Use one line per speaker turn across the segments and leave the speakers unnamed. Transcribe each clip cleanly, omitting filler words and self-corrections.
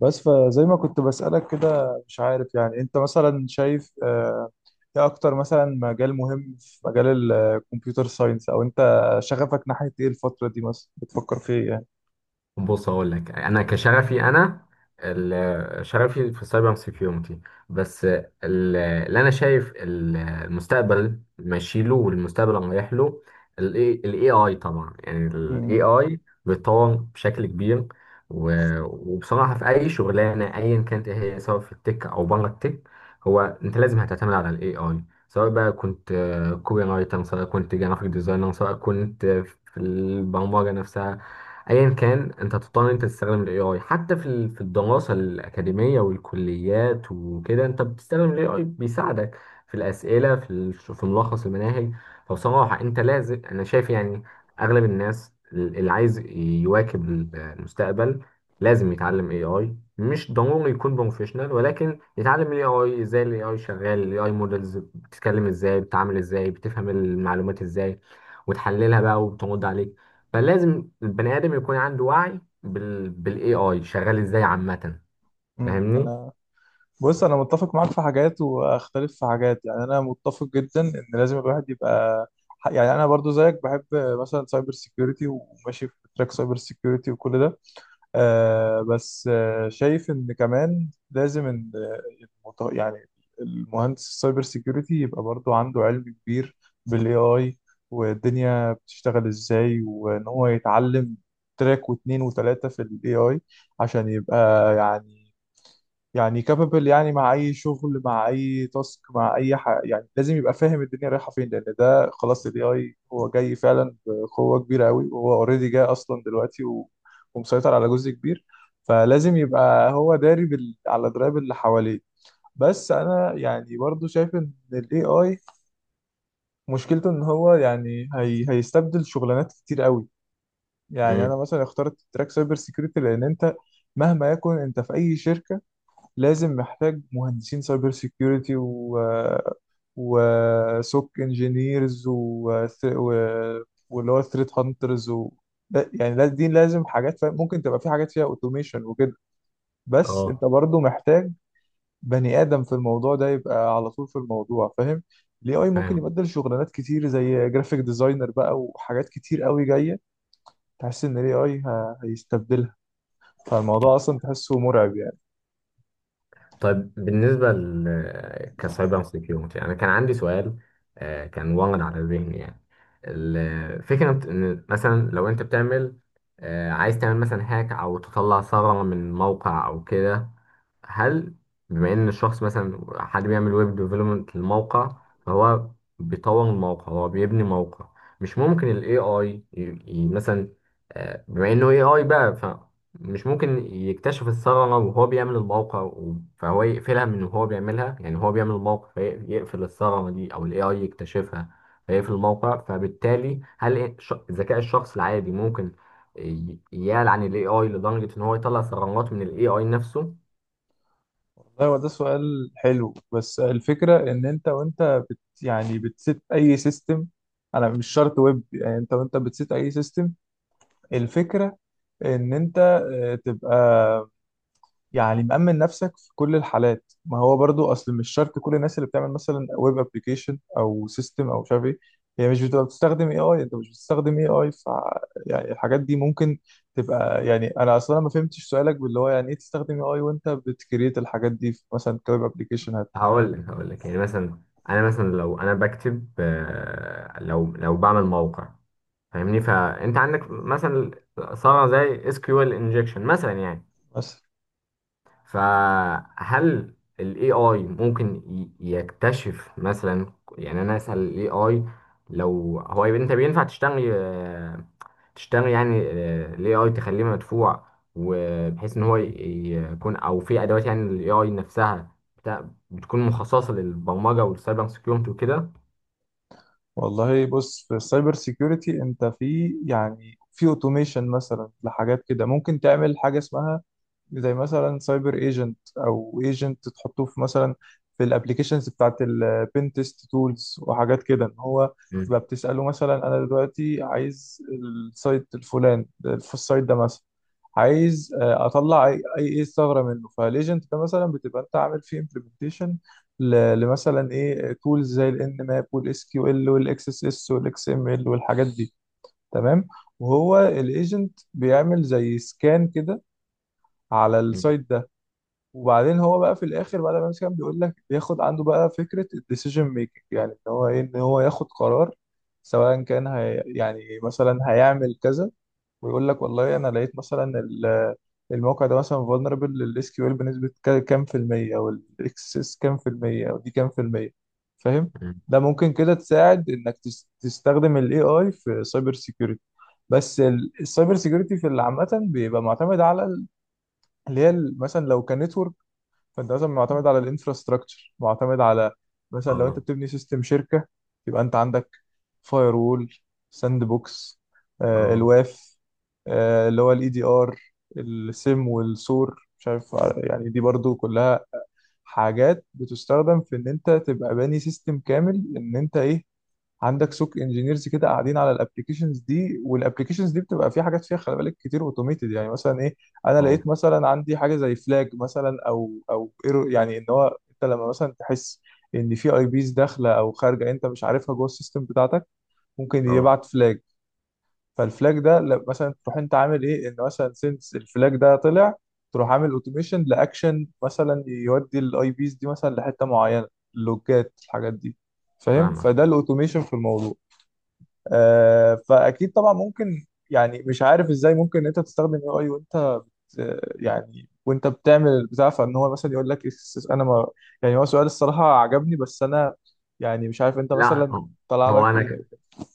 بس فزي ما كنت بسألك كده مش عارف يعني انت مثلا شايف ايه اكتر مثلا مجال مهم في مجال الكمبيوتر ساينس او انت شغفك ناحية ايه الفترة دي مثلا بتفكر في ايه يعني.
بص، هقول لك انا كشغفي، انا شغفي في السايبر سيكيورتي. بس اللي انا شايف المستقبل ماشي له، والمستقبل رايح له، الاي اي طبعا. يعني
مم.
الاي اي بيتطور بشكل كبير، و- وبصراحه في اي شغلانه ايا كانت إيه هي، سواء في التك او بره التك، هو انت لازم هتعتمد على الاي اي، سواء بقى كنت كوبي رايتر، سواء كنت جرافيك ديزاينر، سواء كنت في البرمجه نفسها. ايا كان، انت تضطر ان انت تستخدم الاي اي، حتى في الدراسه الاكاديميه والكليات وكده، انت بتستخدم الاي اي، بيساعدك في الاسئله، في ملخص المناهج. فبصراحه انت لازم، انا شايف يعني، اغلب الناس اللي عايز يواكب المستقبل لازم يتعلم اي اي، مش ضروري يكون بروفيشنال، ولكن يتعلم الاي اي ازاي، الاي اي شغال، الاي اي مودلز بتتكلم ازاي، بتتعامل ازاي، بتفهم المعلومات ازاي وتحللها بقى وبترد عليك. فلازم البني ادم يكون عنده وعي بالاي اي شغال ازاي عامه. فاهمني؟
انا بص انا متفق معاك في حاجات واختلف في حاجات، يعني انا متفق جدا ان لازم الواحد يبقى يعني، انا برضو زيك بحب مثلا سايبر سيكيورتي وماشي في تراك سايبر سيكيورتي وكل ده. بس شايف ان كمان لازم ان المط- يعني المهندس السايبر سيكيورتي يبقى برضو عنده علم كبير بالاي اي والدنيا بتشتغل ازاي، وان هو يتعلم تراك واتنين وتلاتة في الاي اي عشان يبقى يعني يعني كابابل، يعني مع اي شغل مع اي تاسك يعني لازم يبقى فاهم الدنيا رايحه فين، لان ده خلاص الاي اي هو جاي فعلا بقوه كبيره قوي، وهو اوريدي جاي اصلا دلوقتي ومسيطر على جزء كبير. فلازم يبقى هو داري على درايب اللي حواليه. بس انا يعني برضو شايف ان الاي اي مشكلته ان هو يعني هيستبدل شغلانات كتير قوي. يعني انا
امم.
مثلا اخترت تراك سايبر سيكيورتي لان انت مهما يكن انت في اي شركه لازم محتاج مهندسين سايبر سيكيورتي و وسوك انجينيرز واللي هو ثريت هانترز دي لازم حاجات، فاهم؟ ممكن تبقى في حاجات فيها اوتوميشن وكده، بس انت
اه.
برضو محتاج بني ادم في الموضوع ده يبقى على طول في الموضوع، فاهم؟ الاي اي ممكن
فاهم.
يبدل شغلانات كتير زي جرافيك ديزاينر بقى، وحاجات كتير قوي جايه تحس ان الاي اي هيستبدلها، فالموضوع اصلا تحسه مرعب.
طيب، بالنسبة كسايبر سيكيورتي، أنا كان عندي سؤال، كان وارد على ذهني يعني. الفكرة إن مثلا لو أنت بتعمل، عايز تعمل مثلا هاك أو تطلع ثغرة من موقع أو كده، هل، بما إن الشخص، مثلا حد بيعمل ويب ديفلوبمنت للموقع، فهو بيطور الموقع، هو بيبني موقع، مش ممكن ال AI مثلا، بما إنه AI بقى،
يعني
مش ممكن يكتشف الثغرة وهو بيعمل الموقع فهو يقفلها من وهو بيعملها؟ يعني هو بيعمل الموقع فيقفل الثغرة دي، أو ال AI يكتشفها فيقفل الموقع. فبالتالي هل ذكاء الشخص العادي ممكن يلعن ال AI لدرجة إن هو يطلع ثغرات من ال AI نفسه؟
والله هو ده سؤال حلو، بس الفكرة إن أنت وأنت بت يعني بتسيت أي سيستم، أنا مش شرط ويب، يعني أنت وأنت بتسيت أي سيستم، الفكرة إن أنت تبقى يعني مأمن نفسك في كل الحالات. ما هو برضو اصل مش شرط كل الناس اللي بتعمل مثلا ويب ابلكيشن او سيستم او مش عارف ايه، هي مش بتبقى بتستخدم اي اي، انت مش بتستخدم اي اي، ف يعني الحاجات دي ممكن تبقى، يعني انا اصلا ما فهمتش سؤالك باللي هو يعني ايه تستخدم اي اي وانت بتكريت الحاجات دي في مثلا كويب ابلكيشن هات.
هقول لك يعني مثلا، أنا مثلا لو أنا بكتب، لو بعمل موقع، فاهمني؟ فأنت عندك مثلا ثغرة زي SQL injection مثلا يعني.
بس
فهل ال AI ممكن يكتشف؟ مثلا يعني انا اسال ال AI، لو هو يبقى انت بينفع تشتغل، تشتغل يعني، ال AI تخليه مدفوع، وبحيث ان هو يكون، او في ادوات، يعني ال AI نفسها بتكون مخصصة للبرمجة والسايبر سكيورتي وكده.
والله بص، في السايبر سيكيورتي انت في يعني في اوتوميشن مثلا لحاجات كده، ممكن تعمل حاجه اسمها زي مثلا سايبر ايجنت او ايجنت تحطوه في مثلا في الابلكيشنز بتاعت البين تيست تولز وحاجات كده، ان هو تبقى
مم.
بتساله مثلا انا دلوقتي عايز السايت الفلان، في السايت ده مثلا عايز اطلع اي اي إيه ثغره منه. فالايجنت ده مثلا بتبقى انت عامل فيه implementation لمثلا ايه تولز زي الان ماب والاس كيو ال والاكس اس اس والاكس ام ال والحاجات دي، تمام؟ وهو الايجنت بيعمل زي سكان كده على
مم.
السايت ده، وبعدين هو بقى في الاخر بعد ما يعمل سكان بيقول لك، بياخد عنده بقى فكره الديسيجن ميكنج، يعني ان هو ايه، ان هو ياخد قرار سواء كان هي يعني مثلا هيعمل كذا، ويقول لك والله انا لقيت مثلا الموقع ده مثلا فولنربل للاس كيو ال بنسبه كام في الميه، او الاكسس كام في الميه، او دي كام في الميه، فاهم؟
مم.
ده ممكن كده تساعد انك تستخدم الاي اي في سايبر سيكيورتي. بس السايبر سيكيورتي في اللي عامه بيبقى معتمد على مثلا لو كان network، فانت مثلا معتمد على الانفراستراكشر، معتمد على مثلا لو انت
اه.
بتبني سيستم شركه، يبقى انت عندك فاير وول، ساند بوكس، آه
اه.
الواف، آه اللي هو الاي دي ار، السيم والسور، مش عارف آه، يعني دي برضو كلها حاجات بتستخدم في ان انت تبقى باني سيستم كامل، ان انت ايه عندك سوق انجينيرز كده قاعدين على الابلكيشنز دي، والابلكيشنز دي بتبقى في حاجات فيها خلي بالك كتير اوتوميتد، يعني مثلا ايه، انا
اه.
لقيت مثلا عندي حاجه زي فلاج مثلا او ايرور، يعني ان هو انت لما مثلا تحس ان في اي بيز داخله او خارجه انت مش عارفها جوه السيستم بتاعتك، ممكن
اه.
يبعت فلاج. فالفلاج ده مثلا تروح انت عامل ايه، ان مثلا سنس الفلاج ده طلع، تروح عامل اوتوميشن لاكشن مثلا يودي الاي بيز دي مثلا لحته معينه، اللوجات الحاجات دي، فاهم؟
فاهمك.
فده الاوتوميشن في الموضوع. فاكيد طبعا ممكن، يعني مش عارف ازاي ممكن ان انت تستخدم اي اي يعني وانت بتعمل البتاع، فان هو مثلا يقول لك انا ما، يعني هو سؤال الصراحه عجبني، بس انا يعني مش عارف انت
لا،
مثلا طلع
هو
لك ايه.
انا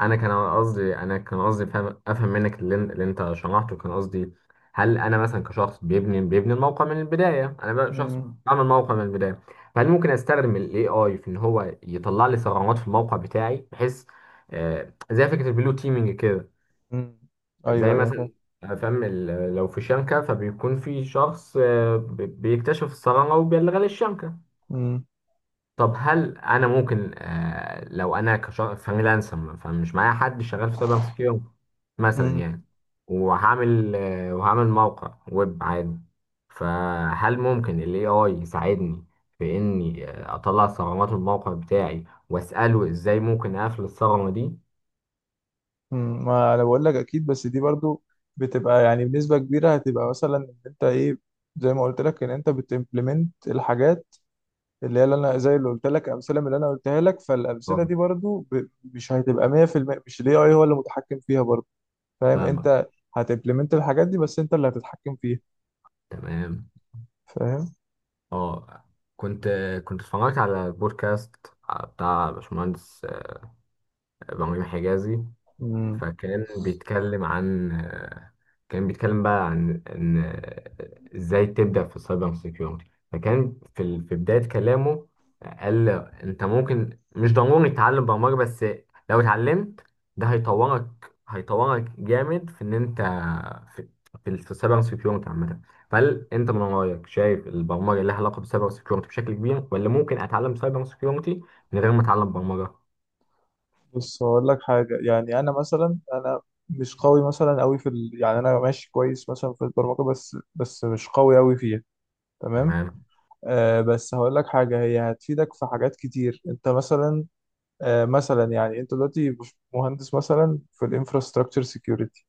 انا كان قصدي، انا كان قصدي فهم افهم منك اللي انت شرحته، كان قصدي هل انا مثلا كشخص بيبني الموقع من البدايه، انا بقى شخص
مم.
بعمل موقع من البدايه، فهل ممكن استخدم الاي اي في ان هو يطلع لي ثغرات في الموقع بتاعي، بحيث، زي فكره البلو تيمينج كده.
مم. ايوه،
زي
ايوه، فاهم.
مثلا، فاهم، لو في شبكه، فبيكون في شخص بيكتشف الثغره وبيلغي للشبكه.
مم.
طب هل انا ممكن، لو انا كفريلانسر، فمش معايا حد شغال في سايبر سكيورتي مثلا
مم.
يعني، وهعمل موقع ويب عادي، فهل ممكن الاي اي يساعدني في اني، اطلع ثغرات الموقع بتاعي، واساله ازاي ممكن اقفل الثغرة دي؟
مم. ما انا بقول لك اكيد، بس دي برضو بتبقى يعني بنسبه كبيره هتبقى مثلا ان انت ايه، زي ما قلت لك ان انت بتمبلمنت الحاجات اللي هي اللي انا زي اللي قلت لك الامثله، من اللي انا قلتها لك فالامثله
آه،
دي برضو مش هتبقى 100%، مش الاي اي هو اللي متحكم فيها برضو، فاهم
فاهمك.
انت؟ هتمبلمنت الحاجات دي بس انت اللي هتتحكم فيها،
تمام.
فاهم.
اه. كنت كنت اتفرجت على بودكاست بتاع باشمهندس، ابراهيم حجازي.
امم.
فكان بيتكلم عن، كان بيتكلم بقى عن ان ازاي تبدأ في السايبر سيكيورتي. فكان في بداية كلامه قال، انت ممكن مش ضروري تتعلم برمجة، بس لو اتعلمت، ده هيطورك جامد في ان انت في في السايبر سيكيورتي عامة. فهل انت من رأيك شايف البرمجة لها علاقة بالسايبر سيكيورتي بشكل كبير، ولا ممكن اتعلم سايبر سيكيورتي من غير ما اتعلم برمجة؟
بص هقول لك حاجه، يعني انا مثلا انا مش قوي مثلا قوي يعني انا ماشي كويس مثلا في البرمجه، بس مش قوي قوي فيها، تمام؟
تمام.
بس هقول لك حاجه هي هتفيدك في حاجات كتير. انت مثلا، مثلا يعني انت دلوقتي مهندس مثلا في الانفراستراكشر سيكيورتي،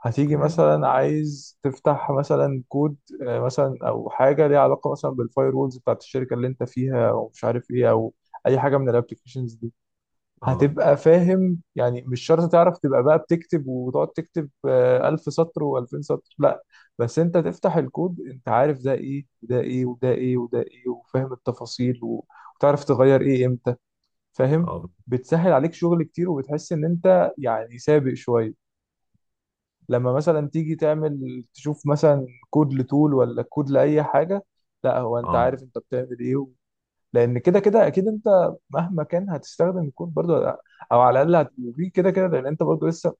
هتيجي
تمام.
مثلا عايز تفتح مثلا كود، مثلا او حاجه ليها علاقه مثلا بالفاير وولز بتاعت الشركه اللي انت فيها، او مش عارف ايه، او اي حاجه من الابلكيشنز دي،
اه.
هتبقى فاهم. يعني مش شرط تعرف تبقى بقى بتكتب وتقعد تكتب 1000 سطر و2000 سطر، لا، بس انت تفتح الكود انت عارف ده ايه وده ايه وده ايه وده ايه، وفاهم التفاصيل وتعرف تغير ايه امتى، فاهم؟
اه.
بتسهل عليك شغل كتير، وبتحس ان انت يعني سابق شويه لما مثلا تيجي تعمل تشوف مثلا كود لتول ولا كود لأي حاجة، لا، هو انت
اه.
عارف انت بتعمل ايه لان كده كده اكيد انت مهما كان هتستخدم الكود برضه، او على الاقل هتبقى كده كده، لان انت برضه لسه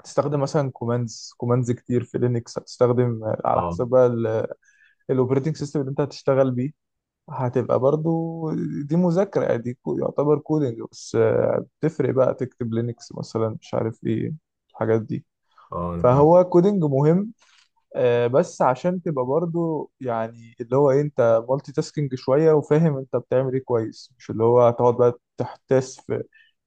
هتستخدم مثلا كوماندز كوماندز كتير في لينكس، هتستخدم على
اه.
حسب بقى الاوبريتنج سيستم اللي انت هتشتغل بيه، هتبقى برضه دي مذاكرة، يعني يعتبر كودنج. بس بتفرق بقى تكتب لينكس مثلا مش عارف ايه الحاجات دي.
اه. انا فاهم.
فهو كودنج مهم، بس عشان تبقى برضو يعني اللي هو انت مالتي تاسكينج شويه، وفاهم انت بتعمل ايه كويس، مش اللي هو هتقعد بقى تحتاس في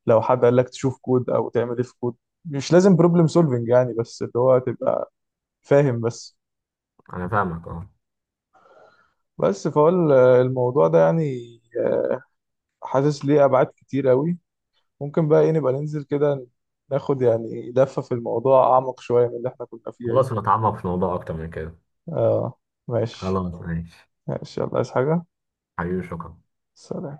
لو حد قال لك تشوف كود او تعمل ايه في كود، مش لازم بروبلم سولفنج يعني، بس اللي هو تبقى فاهم بس.
انا فاهمك. اه.
بس فهو الموضوع ده يعني، آه، حاسس ليه ابعاد كتير قوي. ممكن بقى ايه نبقى ننزل كده، ناخد يعني لفه في الموضوع اعمق شويه من اللي احنا كنا فيها دي.
خلاص، نتعمق في الموضوع اكتر من كده.
اه، ماشي.
خلاص، ماشي.
ماشي، يلا، عايز حاجه؟
حبيبي، شكرا.
سلام.